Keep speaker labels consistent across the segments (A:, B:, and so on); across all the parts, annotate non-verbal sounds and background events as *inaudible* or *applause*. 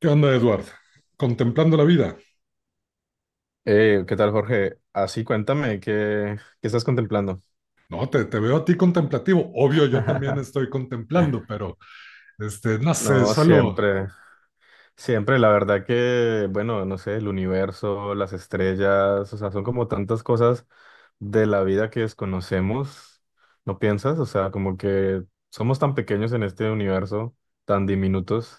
A: ¿Qué onda, Edward? ¿Contemplando la vida?
B: ¿Qué tal, Jorge? Así, cuéntame, ¿qué estás contemplando?
A: No, te veo a ti contemplativo. Obvio, yo también
B: *laughs*
A: estoy contemplando, pero no sé,
B: No,
A: solo
B: siempre, siempre, la verdad que, bueno, no sé, el universo, las estrellas, o sea, son como tantas cosas de la vida que desconocemos, ¿no piensas? O sea, como que somos tan pequeños en este universo, tan diminutos.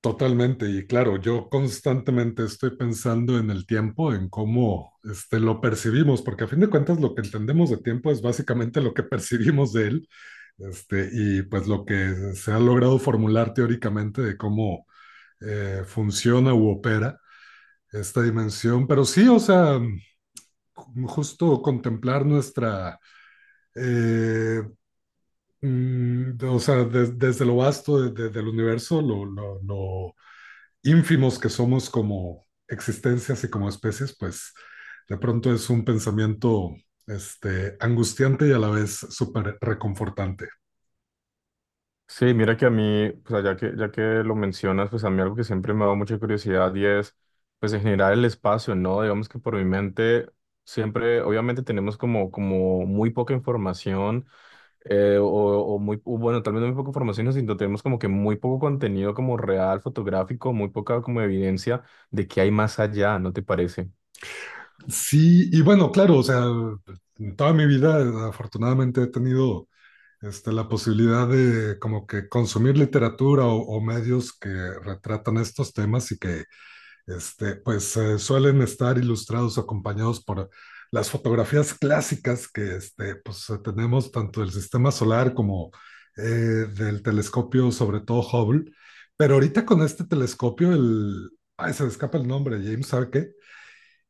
A: totalmente. Y claro, yo constantemente estoy pensando en el tiempo, en cómo lo percibimos, porque a fin de cuentas lo que entendemos de tiempo es básicamente lo que *laughs* percibimos de él, y pues lo que se ha logrado formular teóricamente de cómo funciona u opera esta dimensión. Pero sí, o sea, justo contemplar nuestra Eh, desde lo vasto del universo, lo ínfimos que somos como existencias y como especies, pues de pronto es un pensamiento angustiante y a la vez súper reconfortante.
B: Sí, mira que a mí, pues ya que lo mencionas, pues a mí algo que siempre me ha dado mucha curiosidad y es, pues en general el espacio, ¿no? Digamos que por mi mente siempre, obviamente tenemos como muy poca información o muy, o bueno, tal vez no muy poca información, ¿no? Sino tenemos como que muy poco contenido como real, fotográfico, muy poca como evidencia de que hay más allá, ¿no te parece?
A: Sí, y bueno, claro, o sea, en toda mi vida afortunadamente he tenido la posibilidad de como que consumir literatura o medios que retratan estos temas y que suelen estar ilustrados acompañados por las fotografías clásicas que tenemos tanto del sistema solar como del telescopio, sobre todo Hubble. Pero ahorita con este telescopio, Ay, se me escapa el nombre, James, ¿sabe qué?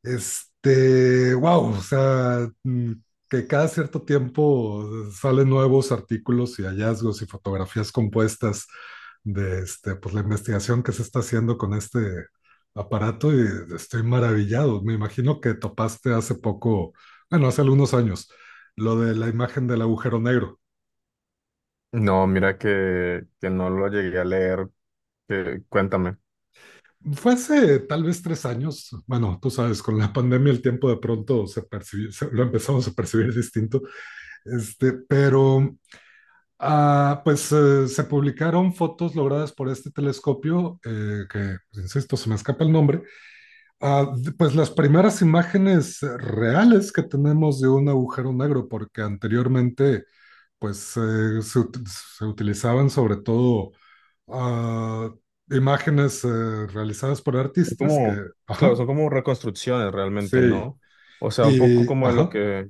A: Wow, o sea, que cada cierto tiempo salen nuevos artículos y hallazgos y fotografías compuestas de la investigación que se está haciendo con este aparato y estoy maravillado. Me imagino que topaste hace poco, bueno, hace algunos años, lo de la imagen del agujero negro.
B: No, mira que no lo llegué a leer, que, cuéntame.
A: Fue hace tal vez tres años, bueno, tú sabes, con la pandemia el tiempo de pronto se percibió, lo empezamos a percibir distinto, este, pero se publicaron fotos logradas por este telescopio, que, pues, insisto, se me escapa el nombre. Pues las primeras imágenes reales que tenemos de un agujero negro, porque anteriormente, pues se utilizaban sobre todo ah, imágenes realizadas por
B: Son
A: artistas que,
B: como, claro,
A: ajá,
B: son como reconstrucciones realmente,
A: sí,
B: ¿no? O sea, un poco
A: y,
B: como de lo
A: ajá.
B: que,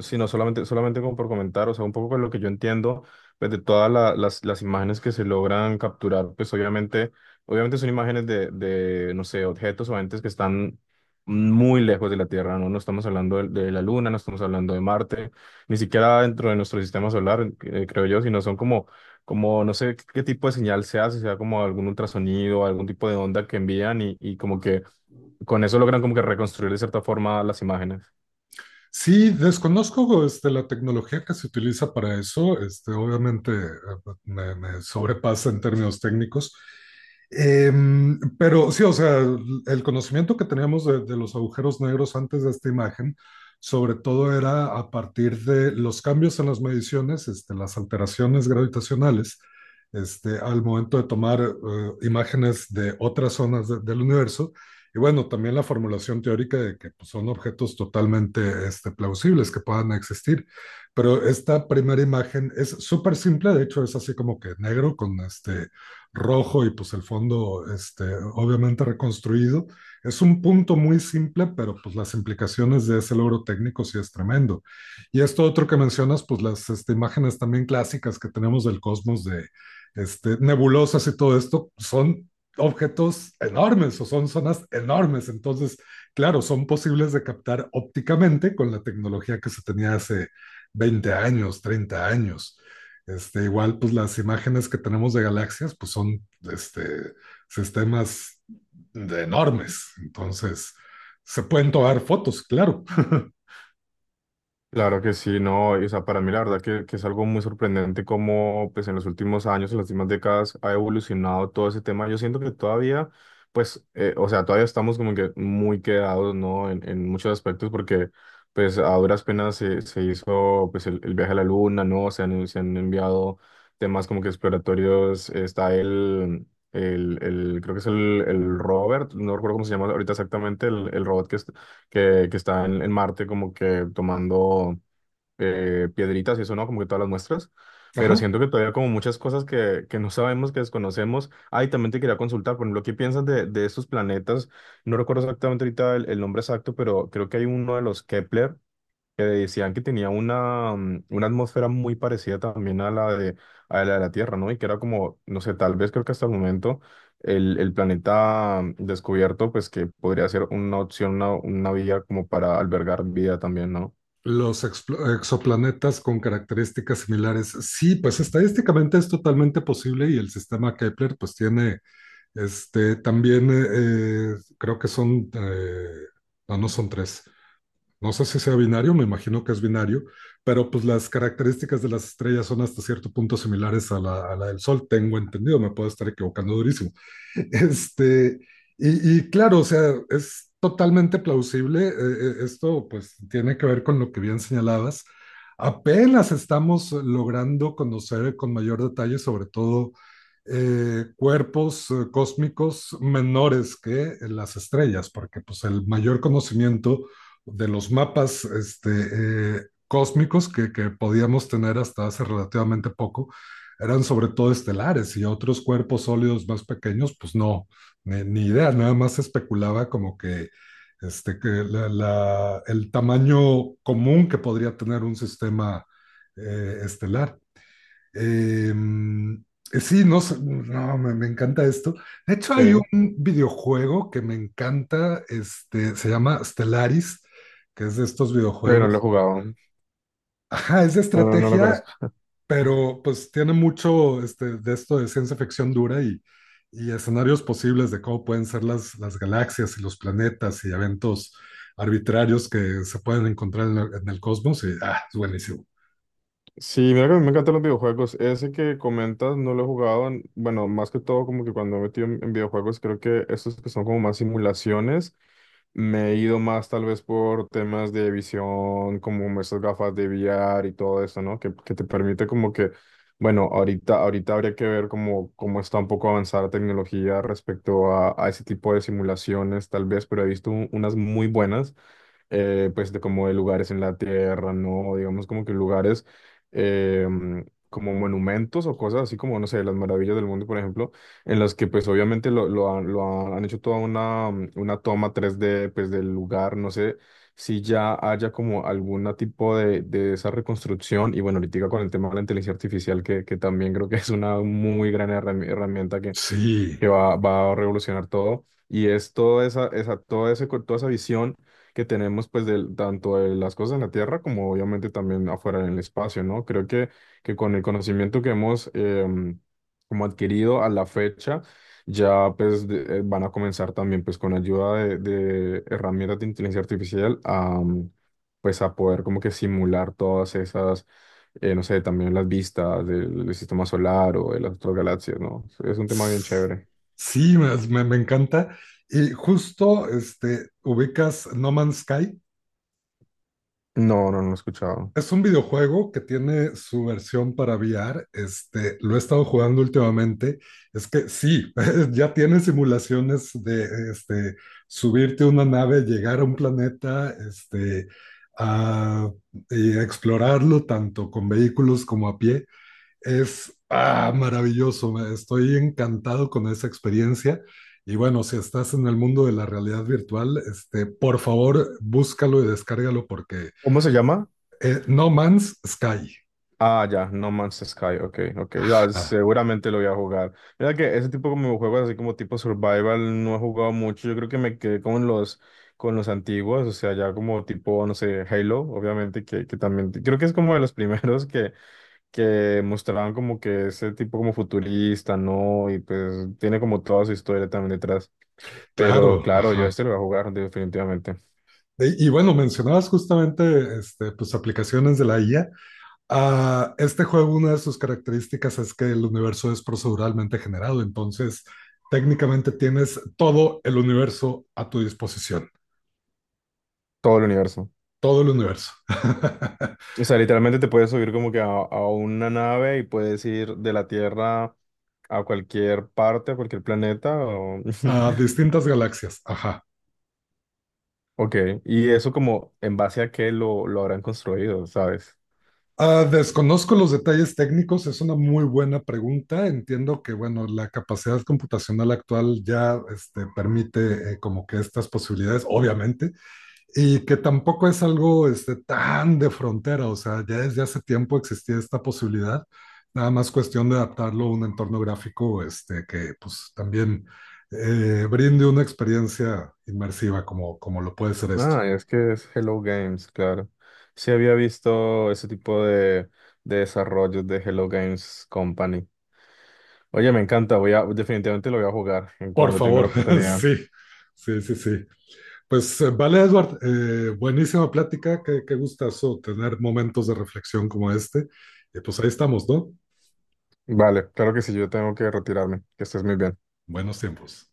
B: si no, solamente como por comentar, o sea, un poco de lo que yo entiendo, pues de todas las imágenes que se logran capturar, pues obviamente son imágenes no sé, objetos o entes que están muy lejos de la Tierra, ¿no? No estamos hablando de la Luna, no estamos hablando de Marte, ni siquiera dentro de nuestro sistema solar, creo yo, sino son como no sé qué, qué tipo de señal se hace, sea como algún ultrasonido, algún tipo de onda que envían y como que con eso logran como que reconstruir de cierta forma las imágenes.
A: Sí, desconozco la tecnología que se utiliza para eso. Este, obviamente me sobrepasa en términos técnicos. Em, pero sí, o sea, el conocimiento que teníamos de los agujeros negros antes de esta imagen, sobre todo era a partir de los cambios en las mediciones, las alteraciones gravitacionales, al momento de tomar imágenes de otras zonas del universo y bueno, también la formulación teórica de que pues, son objetos totalmente plausibles que puedan existir. Pero esta primera imagen es súper simple, de hecho es así como que negro con rojo y pues el fondo obviamente reconstruido. Es un punto muy simple, pero pues las implicaciones de ese logro técnico sí es tremendo. Y esto otro que mencionas, pues las imágenes también clásicas que tenemos del cosmos de nebulosas y todo esto, son objetos enormes o son zonas enormes. Entonces, claro, son posibles de captar ópticamente con la tecnología que se tenía hace 20 años, 30 años. Este, igual, pues las imágenes que tenemos de galaxias, pues son este, sistemas de enormes. Entonces, se pueden tomar fotos, claro. *laughs*
B: Claro que sí, no, y, o sea, para mí la verdad que es algo muy sorprendente cómo pues en los últimos años, en las últimas décadas ha evolucionado todo ese tema. Yo siento que todavía, pues, o sea, todavía estamos como que muy quedados, ¿no? En muchos aspectos porque pues a duras penas se hizo pues el viaje a la Luna, ¿no? Se han enviado temas como que exploratorios, está el creo que es el Robert, no recuerdo cómo se llama ahorita exactamente, el robot que está en Marte como que tomando piedritas y eso, ¿no? Como que todas las muestras. Pero
A: Ajá.
B: siento que todavía como muchas cosas que no sabemos, que desconocemos. Ah, y también te quería consultar, por ejemplo, ¿qué piensas de estos planetas? No recuerdo exactamente ahorita el nombre exacto, pero creo que hay uno de los Kepler que decían que tenía una atmósfera muy parecida también a la de la Tierra, ¿no? Y que era como, no sé, tal vez creo que hasta el momento el planeta descubierto, pues que podría ser una opción, una vía como para albergar vida también, ¿no?
A: Los exoplanetas con características similares. Sí, pues estadísticamente es totalmente posible y el sistema Kepler pues tiene Este, también creo que son, no son tres, no sé si sea binario, me imagino que es binario, pero pues las características de las estrellas son hasta cierto punto similares a a la del Sol, tengo entendido, me puedo estar equivocando durísimo. *laughs* Este, y claro, o sea, es totalmente plausible, esto pues tiene que ver con lo que bien señalabas. Apenas estamos logrando conocer con mayor detalle, sobre todo, cuerpos cósmicos menores que las estrellas, porque pues el mayor conocimiento de los mapas cósmicos que podíamos tener hasta hace relativamente poco eran sobre todo estelares y otros cuerpos sólidos más pequeños, pues no, ni idea, nada más especulaba como que, el tamaño común que podría tener un sistema estelar. Em, sí, no, sé, no me, me encanta esto. De hecho,
B: Sí.
A: hay un videojuego que me encanta, se llama Stellaris, que es de estos
B: No lo he
A: videojuegos.
B: jugado,
A: Ajá, es de
B: no, no, no lo
A: estrategia,
B: conozco.
A: pero pues tiene mucho de esto de ciencia ficción dura y escenarios posibles de cómo pueden ser las galaxias y los planetas y eventos arbitrarios que se pueden encontrar en, en el cosmos. Y, ah, es buenísimo.
B: Sí, mira que a mí me encantan los videojuegos, ese que comentas no lo he jugado, bueno, más que todo como que cuando me he metido en videojuegos creo que estos que son como más simulaciones. Me he ido más tal vez por temas de visión, como esas gafas de VR y todo eso, ¿no? Que te permite como que, bueno, ahorita habría que ver cómo está un poco avanzada la tecnología respecto a ese tipo de simulaciones, tal vez, pero he visto unas muy buenas pues de como de lugares en la Tierra, ¿no? Digamos como que lugares eh, como monumentos o cosas así como, no sé, las maravillas del mundo, por ejemplo, en las que pues obviamente lo han hecho toda una toma 3D pues del lugar, no sé si ya haya como algún tipo de esa reconstrucción y bueno, ahorita con el tema de la inteligencia artificial que también creo que es una muy gran herramienta que
A: Sí.
B: que va a revolucionar todo. Y es toda esa, esa, toda ese, co- toda esa visión que tenemos, pues, tanto de las cosas en la Tierra como obviamente también afuera en el espacio, ¿no? Creo que con el conocimiento que hemos como adquirido a la fecha, ya pues van a comenzar también pues con ayuda de herramientas de inteligencia artificial pues a poder como que simular todas esas, no sé, también las vistas del sistema solar o de las otras galaxias, ¿no? Es un tema bien chévere.
A: Sí, me encanta. Y justo ubicas No Man's Sky.
B: No, no, no lo he escuchado.
A: Es un videojuego que tiene su versión para VR. Este, lo he estado jugando últimamente. Es que sí, *laughs* ya tiene simulaciones de este, subirte a una nave, llegar a un planeta, a, y explorarlo tanto con vehículos como a pie. Es maravilloso, estoy encantado con esa experiencia. Y bueno, si estás en el mundo de la realidad virtual, por favor, búscalo y descárgalo porque
B: ¿Cómo se llama?
A: No Man's Sky.
B: Ah, ya, No Man's Sky, ok, ok, ya,
A: Ajá,
B: seguramente lo voy a jugar. Mira que ese tipo como de juegos así como tipo survival no he jugado mucho, yo creo que me quedé con los, antiguos, o sea, ya como tipo, no sé, Halo, obviamente, que también, creo que es como de los *laughs* primeros que mostraban como que ese tipo como futurista, ¿no? Y pues tiene como toda su historia también detrás. Pero
A: claro,
B: claro, yo
A: ajá.
B: lo voy a jugar definitivamente,
A: Y bueno, mencionabas justamente pues, aplicaciones de la IA. Ah, este juego, una de sus características es que el universo es proceduralmente generado, entonces técnicamente tienes todo el universo a tu disposición.
B: todo el universo.
A: Todo el universo, *laughs*
B: O sea, literalmente te puedes subir como que a una nave y puedes ir de la Tierra a cualquier parte, a cualquier planeta.
A: a
B: *laughs*
A: distintas galaxias, ajá.
B: Ok, y eso como en base a qué lo habrán construido, ¿sabes?
A: Ah, desconozco los detalles técnicos, es una muy buena pregunta. Entiendo que, bueno, la capacidad computacional actual ya permite como que estas posibilidades, obviamente, y que tampoco es algo tan de frontera, o sea, ya desde hace tiempo existía esta posibilidad, nada más cuestión de adaptarlo a un entorno gráfico que pues también brinde una experiencia inmersiva como, como lo puede ser esto.
B: Ah, es que es Hello Games, claro. Sí había visto ese tipo de desarrollos de Hello Games Company. Oye, me encanta, definitivamente lo voy a jugar en
A: Por
B: cuando tenga la
A: favor, *laughs*
B: oportunidad.
A: sí, sí, sí, sí. Pues vale, Edward, buenísima plática, qué gustazo tener momentos de reflexión como este. Y pues ahí estamos, ¿no?
B: Vale, claro que sí, yo tengo que retirarme. Que estés muy bien.
A: Buenos tiempos.